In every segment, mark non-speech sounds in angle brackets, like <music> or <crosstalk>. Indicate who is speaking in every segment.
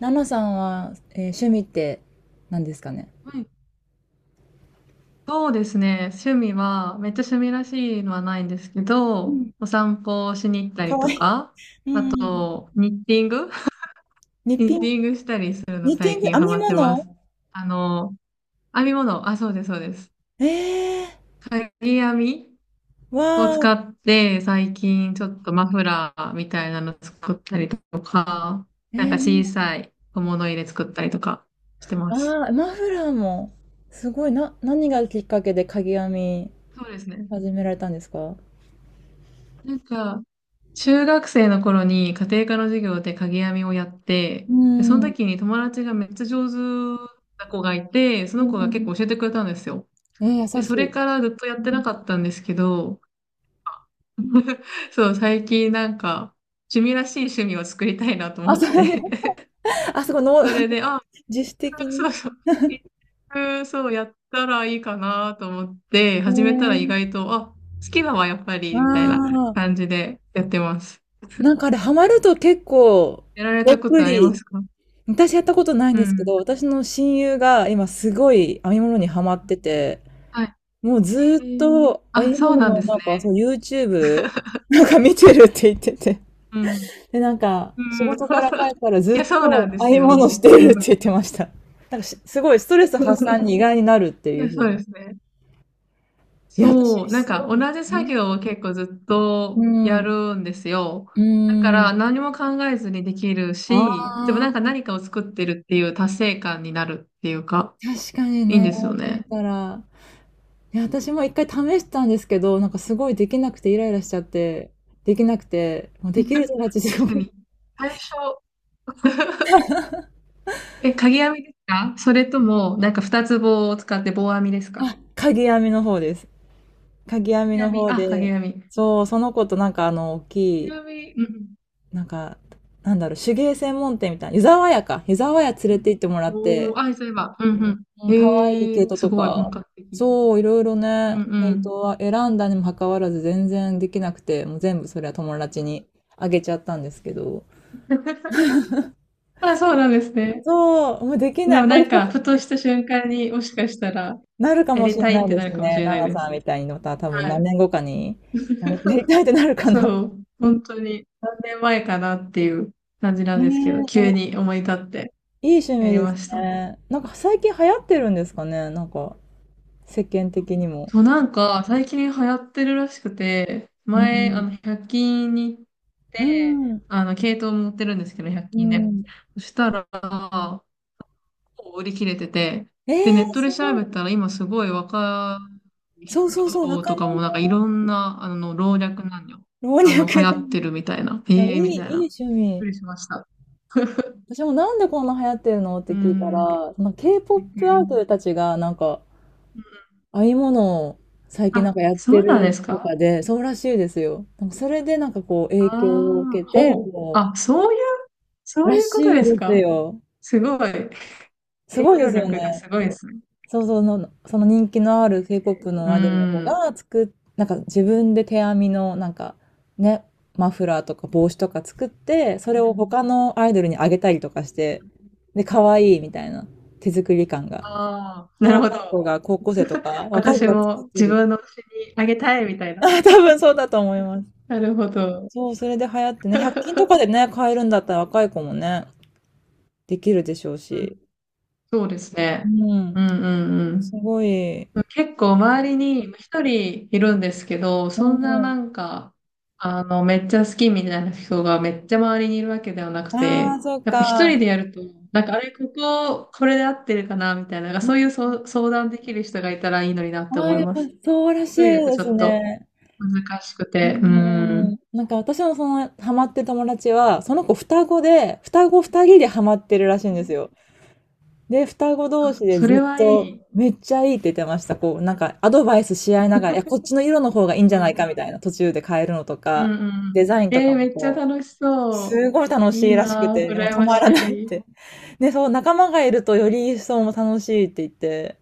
Speaker 1: ナナさんは、趣味って何ですかね？
Speaker 2: はい、そうですね。趣味は、めっちゃ趣味らしいのはないんですけ
Speaker 1: う
Speaker 2: ど、
Speaker 1: ん、
Speaker 2: お散歩をしに行った
Speaker 1: か
Speaker 2: り
Speaker 1: わ
Speaker 2: と
Speaker 1: いい。
Speaker 2: か、
Speaker 1: う
Speaker 2: あと、
Speaker 1: ん。
Speaker 2: ニッティング <laughs>
Speaker 1: ニッ
Speaker 2: ニ
Speaker 1: ピ
Speaker 2: ッ
Speaker 1: ン
Speaker 2: テ
Speaker 1: グ、
Speaker 2: ィングしたりするの
Speaker 1: ニッティ
Speaker 2: 最
Speaker 1: ング、
Speaker 2: 近
Speaker 1: 編
Speaker 2: ハ
Speaker 1: み
Speaker 2: マってま
Speaker 1: 物
Speaker 2: す。あの、編み物、あ、そうです、そうです。
Speaker 1: ええ
Speaker 2: かぎ編み
Speaker 1: ー、わ
Speaker 2: を使
Speaker 1: ー、
Speaker 2: って、最近ちょっとマフラーみたいなの作ったりとか、なん
Speaker 1: え
Speaker 2: か
Speaker 1: ー、
Speaker 2: 小さい小物入れ作ったりとかしてま
Speaker 1: あ
Speaker 2: す。
Speaker 1: ー、マフラーも、すごい、な、何がきっかけでかぎ編み
Speaker 2: そうですね。
Speaker 1: 始められたんですか？
Speaker 2: なんか、中学生の頃に家庭科の授業で鍵編みをやって、
Speaker 1: う
Speaker 2: で、その
Speaker 1: ん、う
Speaker 2: 時に友達がめっちゃ上手な子がいて、その子が結
Speaker 1: ん、
Speaker 2: 構教えてくれたんですよ。
Speaker 1: えー、
Speaker 2: で、
Speaker 1: 優し
Speaker 2: そ
Speaker 1: い。
Speaker 2: れからずっとや
Speaker 1: う
Speaker 2: ってな
Speaker 1: ん。
Speaker 2: かったんですけど、<laughs> そう、最近なんか趣味らしい趣味を作りたいなと
Speaker 1: あ、
Speaker 2: 思っ
Speaker 1: それ、<laughs>
Speaker 2: て
Speaker 1: あ、そこ
Speaker 2: <laughs>
Speaker 1: の、
Speaker 2: それで、あ、
Speaker 1: <laughs> 自主的に。
Speaker 2: そうそう、一服そうやったらいいかなと思って、
Speaker 1: え
Speaker 2: 始めたら意
Speaker 1: ー、
Speaker 2: 外と、あ、好きだわ、やっぱ
Speaker 1: あ
Speaker 2: り、みたいな
Speaker 1: あ、
Speaker 2: 感じでやってます。
Speaker 1: なんかあれ、ハマると結構、
Speaker 2: やられ
Speaker 1: どっ
Speaker 2: たこ
Speaker 1: ぷ
Speaker 2: とありま
Speaker 1: り
Speaker 2: すか？
Speaker 1: 私やったことないん
Speaker 2: う
Speaker 1: ですけ
Speaker 2: ん。
Speaker 1: ど、私の親友が今すごい編み物にハマってて、
Speaker 2: はい。
Speaker 1: もうず
Speaker 2: え
Speaker 1: ーっ
Speaker 2: ー、
Speaker 1: と編
Speaker 2: あ、
Speaker 1: み
Speaker 2: そう
Speaker 1: 物
Speaker 2: なん
Speaker 1: の
Speaker 2: です
Speaker 1: なんかそう
Speaker 2: ね。
Speaker 1: YouTube なんか見てるって言ってて。
Speaker 2: うん。
Speaker 1: で、なんか
Speaker 2: う
Speaker 1: 仕
Speaker 2: ん。
Speaker 1: 事から帰
Speaker 2: <laughs>
Speaker 1: ったらず
Speaker 2: い
Speaker 1: っ
Speaker 2: や、そうなん
Speaker 1: と
Speaker 2: で
Speaker 1: 編
Speaker 2: す
Speaker 1: み物
Speaker 2: よ。
Speaker 1: して
Speaker 2: う
Speaker 1: るっ
Speaker 2: ん。
Speaker 1: て言ってました。なんかしすごいストレス発散
Speaker 2: <laughs>
Speaker 1: に意外になるって
Speaker 2: い
Speaker 1: いう
Speaker 2: や、
Speaker 1: ふう
Speaker 2: そうで
Speaker 1: に。
Speaker 2: すね。
Speaker 1: いや、私
Speaker 2: そう。なん
Speaker 1: す
Speaker 2: か、
Speaker 1: ご
Speaker 2: 同
Speaker 1: い
Speaker 2: じ作
Speaker 1: ね。
Speaker 2: 業を結構ずっ
Speaker 1: う
Speaker 2: とや
Speaker 1: ん。
Speaker 2: るんですよ。
Speaker 1: う
Speaker 2: だか
Speaker 1: ん。
Speaker 2: ら、何も考えずにできるし、でも
Speaker 1: あ
Speaker 2: なんか
Speaker 1: あ、
Speaker 2: 何かを作ってるっていう達成感になるっていうか、
Speaker 1: 確かに
Speaker 2: いいん
Speaker 1: ね、
Speaker 2: で
Speaker 1: 言
Speaker 2: す
Speaker 1: われ
Speaker 2: よ
Speaker 1: て
Speaker 2: ね。
Speaker 1: みたら。いや、私も一回試したんですけど、なんかすごいできなくてイライラしちゃって、できなくて、もう
Speaker 2: <laughs>
Speaker 1: できる友達で
Speaker 2: 確
Speaker 1: も、
Speaker 2: かに。最初、<laughs> え、鍵編みですか？それとも、なんか二つ棒を使って棒編みです
Speaker 1: <laughs>
Speaker 2: か？
Speaker 1: あ、鍵編みの方です。鍵編
Speaker 2: 鍵
Speaker 1: み
Speaker 2: 編
Speaker 1: の
Speaker 2: み。
Speaker 1: 方
Speaker 2: あ、鍵
Speaker 1: で、
Speaker 2: 編み。
Speaker 1: そう、その子となんか大
Speaker 2: ち
Speaker 1: き
Speaker 2: な
Speaker 1: い、
Speaker 2: みに、うん。
Speaker 1: なんか、なんだろう、手芸専門店みたいな、湯沢屋か、湯沢屋連
Speaker 2: う
Speaker 1: れ
Speaker 2: ん
Speaker 1: て行ってもらっ
Speaker 2: うん、
Speaker 1: て、
Speaker 2: おー、あ、そういえば。うんうん。
Speaker 1: うん、
Speaker 2: え
Speaker 1: 可愛い毛
Speaker 2: ー、
Speaker 1: 糸
Speaker 2: す
Speaker 1: と
Speaker 2: ごい本
Speaker 1: か、
Speaker 2: 格的。
Speaker 1: そう、いろいろ
Speaker 2: う
Speaker 1: ね、
Speaker 2: んう
Speaker 1: 毛糸
Speaker 2: ん。
Speaker 1: は選んだにもかかわらず全然できなくて、もう全部それは友達にあげちゃったんですけど、
Speaker 2: <laughs> あ、そうなんですね。
Speaker 1: そう、もうでき
Speaker 2: で
Speaker 1: な
Speaker 2: も
Speaker 1: い。こ
Speaker 2: な
Speaker 1: れ
Speaker 2: んか、ふとした瞬間にもしかしたら、
Speaker 1: なるか
Speaker 2: や
Speaker 1: もし
Speaker 2: り
Speaker 1: れ
Speaker 2: たい
Speaker 1: な
Speaker 2: っ
Speaker 1: い
Speaker 2: て
Speaker 1: で
Speaker 2: な
Speaker 1: す
Speaker 2: るかもし
Speaker 1: ね。
Speaker 2: れ
Speaker 1: ナ
Speaker 2: ない
Speaker 1: ナ
Speaker 2: で
Speaker 1: さん
Speaker 2: す。
Speaker 1: みたいにまた多分
Speaker 2: は
Speaker 1: 何
Speaker 2: い。
Speaker 1: 年後かに、なやり
Speaker 2: <laughs>
Speaker 1: たいってなるかな。
Speaker 2: そう、本当に何年前かなっていう感じな
Speaker 1: ね
Speaker 2: んですけど、
Speaker 1: え、で
Speaker 2: 急
Speaker 1: も
Speaker 2: に思い立って
Speaker 1: いい趣
Speaker 2: や
Speaker 1: 味
Speaker 2: り
Speaker 1: で
Speaker 2: ま
Speaker 1: す
Speaker 2: した。
Speaker 1: ね。なんか最近流行ってるんですかね、なんか世間的にも。
Speaker 2: そう、なんか、最近流行ってるらしくて、
Speaker 1: う
Speaker 2: 前、
Speaker 1: ん。
Speaker 2: 100均に行っ
Speaker 1: う
Speaker 2: て、
Speaker 1: ん。
Speaker 2: 系統持ってるんですけど、100
Speaker 1: う
Speaker 2: 均で。
Speaker 1: ん。
Speaker 2: そしたら、もう売り切れてて、
Speaker 1: え
Speaker 2: で、ネ
Speaker 1: え、
Speaker 2: ット
Speaker 1: す
Speaker 2: で調
Speaker 1: ご
Speaker 2: べ
Speaker 1: い。
Speaker 2: たら、今すごい若い
Speaker 1: そうそうそう、
Speaker 2: 人
Speaker 1: 若
Speaker 2: と
Speaker 1: 者、
Speaker 2: かも、いろんな、老若男女、
Speaker 1: 老若男女。い
Speaker 2: 流行ってるみたいな、
Speaker 1: や、い
Speaker 2: ええみ
Speaker 1: い、
Speaker 2: たいな。
Speaker 1: い
Speaker 2: び
Speaker 1: い
Speaker 2: っ
Speaker 1: 趣
Speaker 2: く
Speaker 1: 味。
Speaker 2: りしました。<laughs>
Speaker 1: 私もなんでこんな流行ってるのって
Speaker 2: う
Speaker 1: 聞いた
Speaker 2: ん、びっ
Speaker 1: ら、その
Speaker 2: く
Speaker 1: K-POP ア
Speaker 2: り
Speaker 1: イ
Speaker 2: で
Speaker 1: ド
Speaker 2: す。
Speaker 1: ルたちがなんか
Speaker 2: うん、
Speaker 1: 編み物を最近なん
Speaker 2: あ、
Speaker 1: かやって
Speaker 2: そうなんで
Speaker 1: る
Speaker 2: す
Speaker 1: と
Speaker 2: か？
Speaker 1: かで、そうらしいですよ。なんかそれでなんかこう影響を
Speaker 2: あ
Speaker 1: 受
Speaker 2: あ、
Speaker 1: けて、
Speaker 2: ほう。
Speaker 1: こ
Speaker 2: あ、そういう、
Speaker 1: う、
Speaker 2: そう
Speaker 1: ら
Speaker 2: いうこと
Speaker 1: しい
Speaker 2: です
Speaker 1: です
Speaker 2: か？
Speaker 1: よ。
Speaker 2: すごい。
Speaker 1: す
Speaker 2: 影
Speaker 1: ごいで
Speaker 2: 響
Speaker 1: すよ
Speaker 2: 力が
Speaker 1: ね。
Speaker 2: すごいですね。
Speaker 1: そうそうの、その人気のある K-POP の
Speaker 2: う
Speaker 1: アイドルの子
Speaker 2: ん。
Speaker 1: が作っ、なんか自分で手編みのなんかね、マフラーとか帽子とか作って、そ
Speaker 2: う
Speaker 1: れを
Speaker 2: ん、
Speaker 1: 他のアイドルにあげたりとかして、で、可愛いみたいな手作り感が。
Speaker 2: ああ、
Speaker 1: で、
Speaker 2: なるほ
Speaker 1: 若い
Speaker 2: ど。
Speaker 1: 子が高校生とか、
Speaker 2: <laughs>
Speaker 1: 若い子
Speaker 2: 私
Speaker 1: が作っ
Speaker 2: も
Speaker 1: て
Speaker 2: 自
Speaker 1: る。
Speaker 2: 分の推しにあげたいみたいな。
Speaker 1: あ、多分そうだと思います。
Speaker 2: なるほど。
Speaker 1: そう、それで流行ってね、100均とかでね、買えるんだったら若い子もね、できるでしょう
Speaker 2: う
Speaker 1: し。
Speaker 2: ん、<laughs> そうです
Speaker 1: う
Speaker 2: ね。う
Speaker 1: ん、
Speaker 2: んうんうん。
Speaker 1: すごい。
Speaker 2: 結構周りに一人いるんですけど、
Speaker 1: う
Speaker 2: そんな
Speaker 1: ん。
Speaker 2: なんか、めっちゃ好きみたいな人がめっちゃ周りにいるわけではなく
Speaker 1: ああ、
Speaker 2: て、
Speaker 1: そっ
Speaker 2: やっぱ一
Speaker 1: か。
Speaker 2: 人でやると、なんかあれ、これで合ってるかなみたいな、
Speaker 1: う
Speaker 2: そうい
Speaker 1: ん。
Speaker 2: うそう相談できる人がいたらいいのになって
Speaker 1: ああ、
Speaker 2: 思い
Speaker 1: やっ
Speaker 2: ま
Speaker 1: ぱ
Speaker 2: す。
Speaker 1: そうらしい
Speaker 2: 一人
Speaker 1: で
Speaker 2: だとち
Speaker 1: す
Speaker 2: ょっと
Speaker 1: ね。
Speaker 2: 難しく
Speaker 1: う
Speaker 2: て、うん。
Speaker 1: ん。なんか私のそのハマってる友達は、その子双子で、双子二人でハマってるらしいんですよ。で、双子同士
Speaker 2: あ、
Speaker 1: で
Speaker 2: そ
Speaker 1: ず
Speaker 2: れ
Speaker 1: っ
Speaker 2: はい
Speaker 1: と、
Speaker 2: い。
Speaker 1: めっちゃいいって言ってました。こう、なんかアド
Speaker 2: <laughs>
Speaker 1: バイスし合いながら、いや、こっちの色の方がいいんじ
Speaker 2: う
Speaker 1: ゃ
Speaker 2: ん
Speaker 1: な
Speaker 2: う
Speaker 1: いかみ
Speaker 2: ん。
Speaker 1: たいな、途中で変えるのと
Speaker 2: う
Speaker 1: か、
Speaker 2: んうん。
Speaker 1: デザインと
Speaker 2: え
Speaker 1: か
Speaker 2: ー、
Speaker 1: も
Speaker 2: めっちゃ
Speaker 1: こ
Speaker 2: 楽しそ
Speaker 1: すごい楽
Speaker 2: う。い
Speaker 1: し
Speaker 2: い
Speaker 1: いらしく
Speaker 2: なぁ、
Speaker 1: て、もう
Speaker 2: 羨
Speaker 1: 止
Speaker 2: ま
Speaker 1: ま
Speaker 2: し
Speaker 1: らないっ
Speaker 2: い。
Speaker 1: て。<laughs> で、そう、仲間がいるとより一層も楽しいって言って、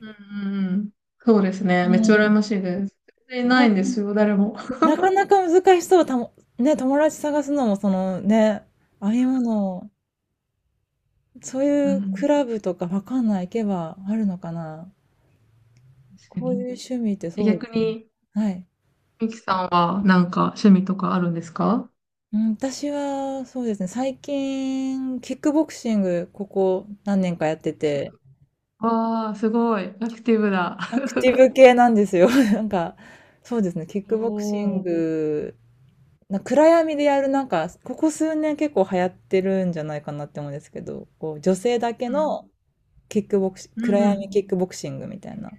Speaker 2: うんうんうん。そうです
Speaker 1: う
Speaker 2: ね。めっちゃ羨
Speaker 1: ん、
Speaker 2: ましいです。全然な
Speaker 1: な、
Speaker 2: いんですよ、誰も。
Speaker 1: なかなか難しそう、たも、ね、友達探すのも、そのね、ああいうもの、そう
Speaker 2: う
Speaker 1: いうク
Speaker 2: ん、
Speaker 1: ラブとかわかんない、行けばあるのかな。
Speaker 2: 確か
Speaker 1: こういう
Speaker 2: に。
Speaker 1: 趣味って
Speaker 2: え、
Speaker 1: そうで
Speaker 2: 逆
Speaker 1: すね。
Speaker 2: に、
Speaker 1: はい。
Speaker 2: ミキさんはなんか趣味とかあるんですか？
Speaker 1: うん、私はそうですね、最近、キックボクシング、ここ何年かやってて、
Speaker 2: わあ、すごい。アクティブだ。
Speaker 1: アクティブ系なんですよ。<laughs> なんか、そうですね、キッ
Speaker 2: お
Speaker 1: クボクシン
Speaker 2: お。
Speaker 1: グ、な暗闇でやる、なんか、ここ数年結構流行ってるんじゃないかなって思うんですけど、こう、女性だけ
Speaker 2: うん。
Speaker 1: のキックボクシ、
Speaker 2: う
Speaker 1: 暗
Speaker 2: んう
Speaker 1: 闇
Speaker 2: ん。
Speaker 1: キックボクシングみたいな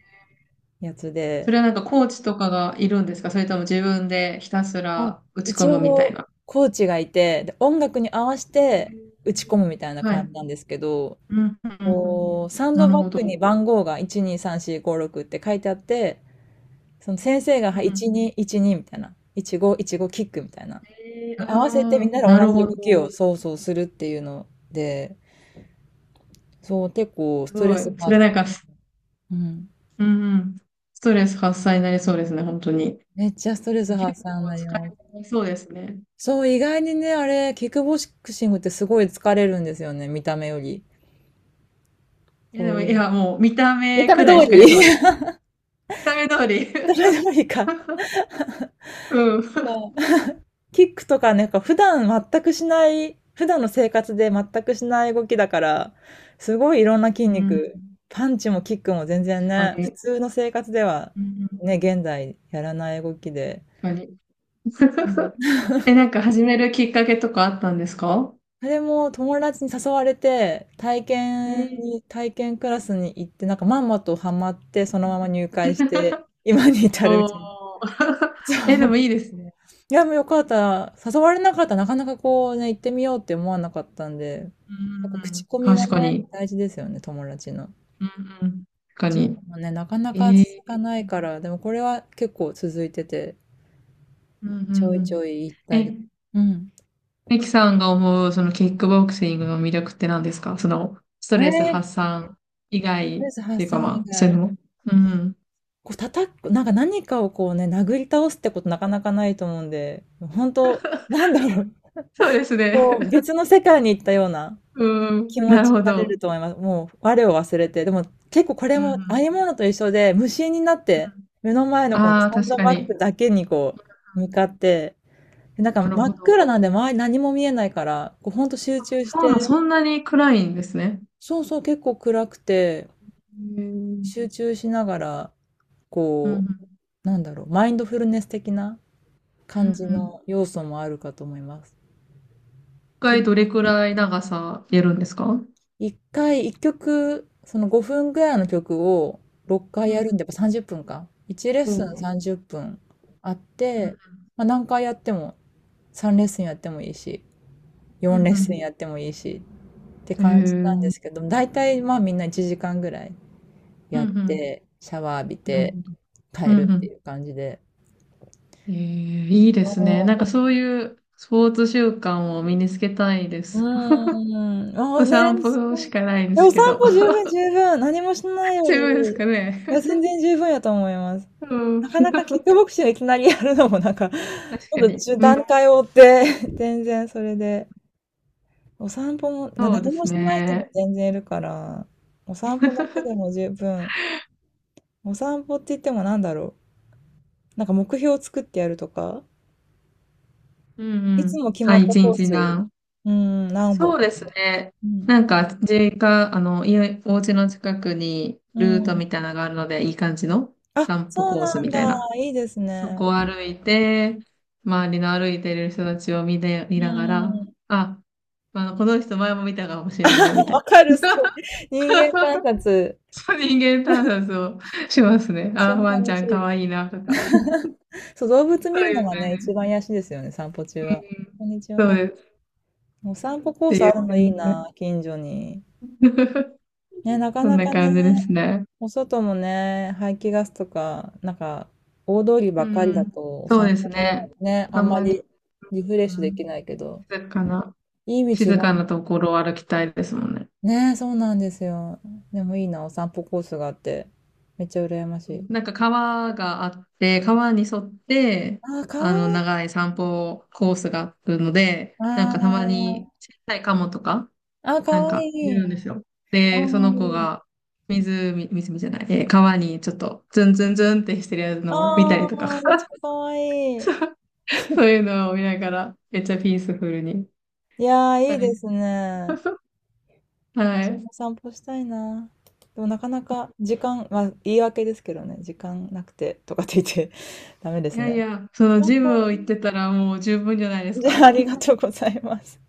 Speaker 1: やつ
Speaker 2: そ
Speaker 1: で、
Speaker 2: れはなんかコーチとかがいるんですか？それとも自分でひたす
Speaker 1: あ、
Speaker 2: ら打ち込
Speaker 1: 一
Speaker 2: むみたい
Speaker 1: 応、
Speaker 2: な。
Speaker 1: コーチがいて、で、音楽に合わせ
Speaker 2: へ
Speaker 1: て打
Speaker 2: ー、
Speaker 1: ち込むみたいな
Speaker 2: は
Speaker 1: 感じ
Speaker 2: い。
Speaker 1: なんですけど、
Speaker 2: うんうんうんうん。
Speaker 1: こう、サン
Speaker 2: な
Speaker 1: ド
Speaker 2: る
Speaker 1: バッ
Speaker 2: ほ
Speaker 1: グに
Speaker 2: ど。
Speaker 1: 番号が1、2、3、4、5、6って書いてあって、その先生が
Speaker 2: う
Speaker 1: は
Speaker 2: ん
Speaker 1: い
Speaker 2: うん。
Speaker 1: 1212みたいな、1515キックみたいな、
Speaker 2: えー、
Speaker 1: に合わせて
Speaker 2: あ
Speaker 1: みん
Speaker 2: あ、
Speaker 1: なで同
Speaker 2: なる
Speaker 1: じ
Speaker 2: ほ
Speaker 1: 動き
Speaker 2: ど。
Speaker 1: をそうそうするっていうので、そう、結構ス
Speaker 2: す
Speaker 1: トレ
Speaker 2: ご
Speaker 1: ス
Speaker 2: い。それ
Speaker 1: 発散。
Speaker 2: なんか、
Speaker 1: うん。
Speaker 2: うんうん、ストレス発散になりそうですね、本当に。
Speaker 1: めっちゃストレス
Speaker 2: 結
Speaker 1: 発散に
Speaker 2: 構
Speaker 1: なり
Speaker 2: 疲れ
Speaker 1: ます。
Speaker 2: になりそうですね。
Speaker 1: そう、意外にね、あれ、キックボクシングってすごい疲れるんですよね、見た目より。
Speaker 2: いや、でも、い
Speaker 1: こう、
Speaker 2: や、もう見た
Speaker 1: 見
Speaker 2: 目
Speaker 1: た
Speaker 2: く
Speaker 1: 目通
Speaker 2: らい疲れそ
Speaker 1: り
Speaker 2: うです。見た目通り。
Speaker 1: <laughs> 見た目通り
Speaker 2: <laughs>
Speaker 1: か。
Speaker 2: うん。
Speaker 1: キックとかね、か普段全くしない、普段の生活で全くしない動きだから、すごいいろんな筋
Speaker 2: うん、
Speaker 1: 肉、パンチもキックも全然
Speaker 2: 確
Speaker 1: ね、
Speaker 2: か
Speaker 1: 普
Speaker 2: に。
Speaker 1: 通の生活では
Speaker 2: うん、
Speaker 1: ね、現代やらない動きで。
Speaker 2: 確かに。
Speaker 1: うん。
Speaker 2: <laughs> え、なんか始めるきっかけとかあったんですか？
Speaker 1: それも友達に誘われて、体
Speaker 2: え
Speaker 1: 験
Speaker 2: ー、
Speaker 1: に、体験クラスに行って、なんかまんまとハマって、そのまま入会して、
Speaker 2: <laughs>
Speaker 1: 今に至るみ
Speaker 2: おー。
Speaker 1: たいな。
Speaker 2: <laughs> え、で
Speaker 1: そ
Speaker 2: もい
Speaker 1: う。
Speaker 2: いですね。
Speaker 1: いや、もうよかった。誘われなかったらなかなかこうね、行ってみようって思わなかったんで、
Speaker 2: う
Speaker 1: やっ
Speaker 2: ん
Speaker 1: ぱ
Speaker 2: うん、う
Speaker 1: 口
Speaker 2: ん、
Speaker 1: コミは
Speaker 2: 確か
Speaker 1: ね、
Speaker 2: に。
Speaker 1: 大事ですよね、友達の。
Speaker 2: うんうん、確か
Speaker 1: ジ
Speaker 2: に。
Speaker 1: ムもね、なかな
Speaker 2: え
Speaker 1: か続か
Speaker 2: ー、
Speaker 1: ないから、でもこれは結構続いてて、
Speaker 2: うんう
Speaker 1: ちょ
Speaker 2: ん
Speaker 1: い
Speaker 2: う
Speaker 1: ち
Speaker 2: ん。
Speaker 1: ょい行ったり。
Speaker 2: え、
Speaker 1: うん。
Speaker 2: ミキさんが思う、そのキックボクシングの魅力って何ですか？その、スト
Speaker 1: あれと
Speaker 2: レス
Speaker 1: りー、
Speaker 2: 発散以外っ
Speaker 1: えず
Speaker 2: てい
Speaker 1: 発
Speaker 2: うか
Speaker 1: 散
Speaker 2: ま
Speaker 1: 以
Speaker 2: あ、そういう
Speaker 1: 外。
Speaker 2: のも。うん。
Speaker 1: こう叩く、なんか何かをこうね、殴り倒すってことなかなかないと思うんで、本当なんだろう、
Speaker 2: そうですね。
Speaker 1: こう、
Speaker 2: <laughs>
Speaker 1: 別の世界に行ったような。
Speaker 2: う
Speaker 1: 気
Speaker 2: ん。
Speaker 1: 持
Speaker 2: なる
Speaker 1: ちに
Speaker 2: ほ
Speaker 1: なれ
Speaker 2: ど。
Speaker 1: ると思います。もう我を忘れて。でも結構これ
Speaker 2: う
Speaker 1: もあ
Speaker 2: ん。
Speaker 1: え物と一緒で、無心になって、目の前のこの
Speaker 2: ああー、
Speaker 1: サン
Speaker 2: 確
Speaker 1: ド
Speaker 2: か
Speaker 1: バ
Speaker 2: に。
Speaker 1: ッ
Speaker 2: うん、
Speaker 1: グだけにこう、向かって、でなんか
Speaker 2: なる
Speaker 1: 真
Speaker 2: ほ
Speaker 1: っ暗
Speaker 2: ど。
Speaker 1: なんで周り何も見えないから、こうほんと集中し
Speaker 2: サウナ
Speaker 1: て、
Speaker 2: そんなに暗いんですね。
Speaker 1: そうそう、結構暗くて、
Speaker 2: へー、
Speaker 1: 集中しながら、
Speaker 2: うん。
Speaker 1: こう、なんだろう、マインドフルネス的な
Speaker 2: うん。
Speaker 1: 感じ
Speaker 2: うん。
Speaker 1: の要素もあるかと思います。
Speaker 2: 一
Speaker 1: ペ
Speaker 2: 回どれくらい長さやるんですか？
Speaker 1: 一回、一曲、その5分ぐらいの曲を6回
Speaker 2: う
Speaker 1: や
Speaker 2: ん。
Speaker 1: るんで、やっぱ30分か。1レッ
Speaker 2: お
Speaker 1: スン
Speaker 2: う。
Speaker 1: 30分あっ
Speaker 2: う
Speaker 1: て、
Speaker 2: ん。
Speaker 1: まあ、何回やっても、3レッスンやってもいいし、
Speaker 2: う
Speaker 1: 4レッスン
Speaker 2: ん。
Speaker 1: やってもいいしって
Speaker 2: うん、
Speaker 1: 感じなんで
Speaker 2: へー、
Speaker 1: すけど、大体まあみんな1時間ぐらい
Speaker 2: うん。
Speaker 1: や
Speaker 2: う
Speaker 1: っ
Speaker 2: ん。
Speaker 1: て、シャワー浴び
Speaker 2: なる
Speaker 1: て
Speaker 2: ほど。う
Speaker 1: 帰る
Speaker 2: ん。う
Speaker 1: って
Speaker 2: ん、
Speaker 1: いう感じで。
Speaker 2: えー、いいですね。なんか
Speaker 1: そ
Speaker 2: そういうスポーツ習慣を身につけたいで
Speaker 1: う
Speaker 2: す。
Speaker 1: うーん。ああ
Speaker 2: お
Speaker 1: ね、
Speaker 2: 散歩
Speaker 1: そ
Speaker 2: し
Speaker 1: う
Speaker 2: かないんで
Speaker 1: でお
Speaker 2: すけ
Speaker 1: 散
Speaker 2: ど。
Speaker 1: 歩十
Speaker 2: <laughs>
Speaker 1: 分十分。何もしないよ
Speaker 2: 十
Speaker 1: り、
Speaker 2: 分ですか
Speaker 1: い
Speaker 2: ね。
Speaker 1: や、全然十分やと思います。
Speaker 2: うん。
Speaker 1: なかなかキッ
Speaker 2: <laughs>
Speaker 1: クボクシングいきなりやるのもなんか、<laughs> ち
Speaker 2: 確か
Speaker 1: ょっ
Speaker 2: に。
Speaker 1: と
Speaker 2: うん。
Speaker 1: 段階を追って <laughs> 全然それで、お散歩も、な
Speaker 2: そうで
Speaker 1: 何も
Speaker 2: す
Speaker 1: しない人も
Speaker 2: ね。
Speaker 1: 全然いるから、お散歩だけでも
Speaker 2: <laughs>
Speaker 1: 十分。お散歩って言ってもなんだろう。なんか目標を作ってやるとか、
Speaker 2: うん
Speaker 1: い
Speaker 2: う
Speaker 1: つ
Speaker 2: ん。
Speaker 1: も決
Speaker 2: あ、
Speaker 1: まった
Speaker 2: 一
Speaker 1: コー
Speaker 2: 日
Speaker 1: ス、
Speaker 2: な。
Speaker 1: うん、何歩
Speaker 2: そう
Speaker 1: と
Speaker 2: です
Speaker 1: か。
Speaker 2: ね。
Speaker 1: うん。
Speaker 2: 実家、家、お家の近くに
Speaker 1: う
Speaker 2: ルート
Speaker 1: ん。
Speaker 2: みたいなのがあるので、いい感じの
Speaker 1: あ、
Speaker 2: 散歩
Speaker 1: そう
Speaker 2: コース
Speaker 1: な
Speaker 2: み
Speaker 1: んだ。
Speaker 2: たいな。
Speaker 1: いいです
Speaker 2: そ
Speaker 1: ね。
Speaker 2: こを歩いて、周りの歩いてる人たちを見で、見
Speaker 1: う
Speaker 2: ながら、
Speaker 1: ん。
Speaker 2: あ、まあ、この人前も見たかもしれないみ
Speaker 1: <laughs>
Speaker 2: たい
Speaker 1: わ
Speaker 2: な。
Speaker 1: かる、すごい。人
Speaker 2: <laughs>
Speaker 1: 間観察。
Speaker 2: そう人間観察をしますね。
Speaker 1: 一緒
Speaker 2: あー、
Speaker 1: に
Speaker 2: ワンち
Speaker 1: 楽
Speaker 2: ゃ
Speaker 1: し
Speaker 2: んか
Speaker 1: い。
Speaker 2: わいいなとか。<laughs> そ
Speaker 1: そう、動物見
Speaker 2: う
Speaker 1: るの
Speaker 2: いう
Speaker 1: が
Speaker 2: 感
Speaker 1: ね、一
Speaker 2: じ。
Speaker 1: 番癒しですよね、散歩中
Speaker 2: う
Speaker 1: は。こ
Speaker 2: ん、
Speaker 1: んにち
Speaker 2: そう
Speaker 1: は。
Speaker 2: です。
Speaker 1: お
Speaker 2: っ
Speaker 1: 散歩コー
Speaker 2: て
Speaker 1: ス
Speaker 2: い
Speaker 1: あ
Speaker 2: う
Speaker 1: るのいい
Speaker 2: 感
Speaker 1: な、近所に。
Speaker 2: じで。<laughs>
Speaker 1: ね、なか
Speaker 2: そん
Speaker 1: な
Speaker 2: な
Speaker 1: かね、
Speaker 2: 感じですね。
Speaker 1: お外もね、排気ガスとか、なんか、大通り
Speaker 2: う
Speaker 1: ばっかりだ
Speaker 2: ん。
Speaker 1: と、お
Speaker 2: そう
Speaker 1: 散
Speaker 2: で
Speaker 1: 歩
Speaker 2: すね。
Speaker 1: もね、あ
Speaker 2: あ
Speaker 1: ん
Speaker 2: ん
Speaker 1: ま
Speaker 2: まり、
Speaker 1: りリフレッ
Speaker 2: う
Speaker 1: シュでき
Speaker 2: ん、
Speaker 1: ないけど、
Speaker 2: 静かな、
Speaker 1: いい道
Speaker 2: 静
Speaker 1: が、
Speaker 2: かなところを歩きたいですもんね。
Speaker 1: ね、そうなんですよ。でもいいな、お散歩コースがあって、めっちゃ羨まし
Speaker 2: う
Speaker 1: い。
Speaker 2: ん、なんか川があって、川に沿って、
Speaker 1: あー、かわいい。
Speaker 2: 長い散歩コースがあるので、なんかたま
Speaker 1: あ
Speaker 2: に小さいカモとか、
Speaker 1: あ、あー、か
Speaker 2: なん
Speaker 1: わ
Speaker 2: か
Speaker 1: い
Speaker 2: い
Speaker 1: い。
Speaker 2: るんですよ。
Speaker 1: かわ
Speaker 2: で、その子
Speaker 1: いい。
Speaker 2: が湖、湖じゃない、えー川にちょっとズンズンズンってしてるやつ
Speaker 1: あ
Speaker 2: のを見たりとか、
Speaker 1: あ、めっちゃかわいい。
Speaker 2: <laughs> そういうのを見ながら、めっちゃピースフルに
Speaker 1: いやー、いい
Speaker 2: 歩
Speaker 1: で
Speaker 2: いて。
Speaker 1: すね。
Speaker 2: <laughs> は
Speaker 1: 私
Speaker 2: い。
Speaker 1: も散歩したいな。でもなかなか時間、まあ言い訳ですけどね、時間なくてとかって言って <laughs> ダメで
Speaker 2: い
Speaker 1: す
Speaker 2: やい
Speaker 1: ね。
Speaker 2: や、その
Speaker 1: 散
Speaker 2: ジム
Speaker 1: 歩、
Speaker 2: を行ってたらもう十分じゃないです
Speaker 1: じ
Speaker 2: か。
Speaker 1: ゃあありがとうございます。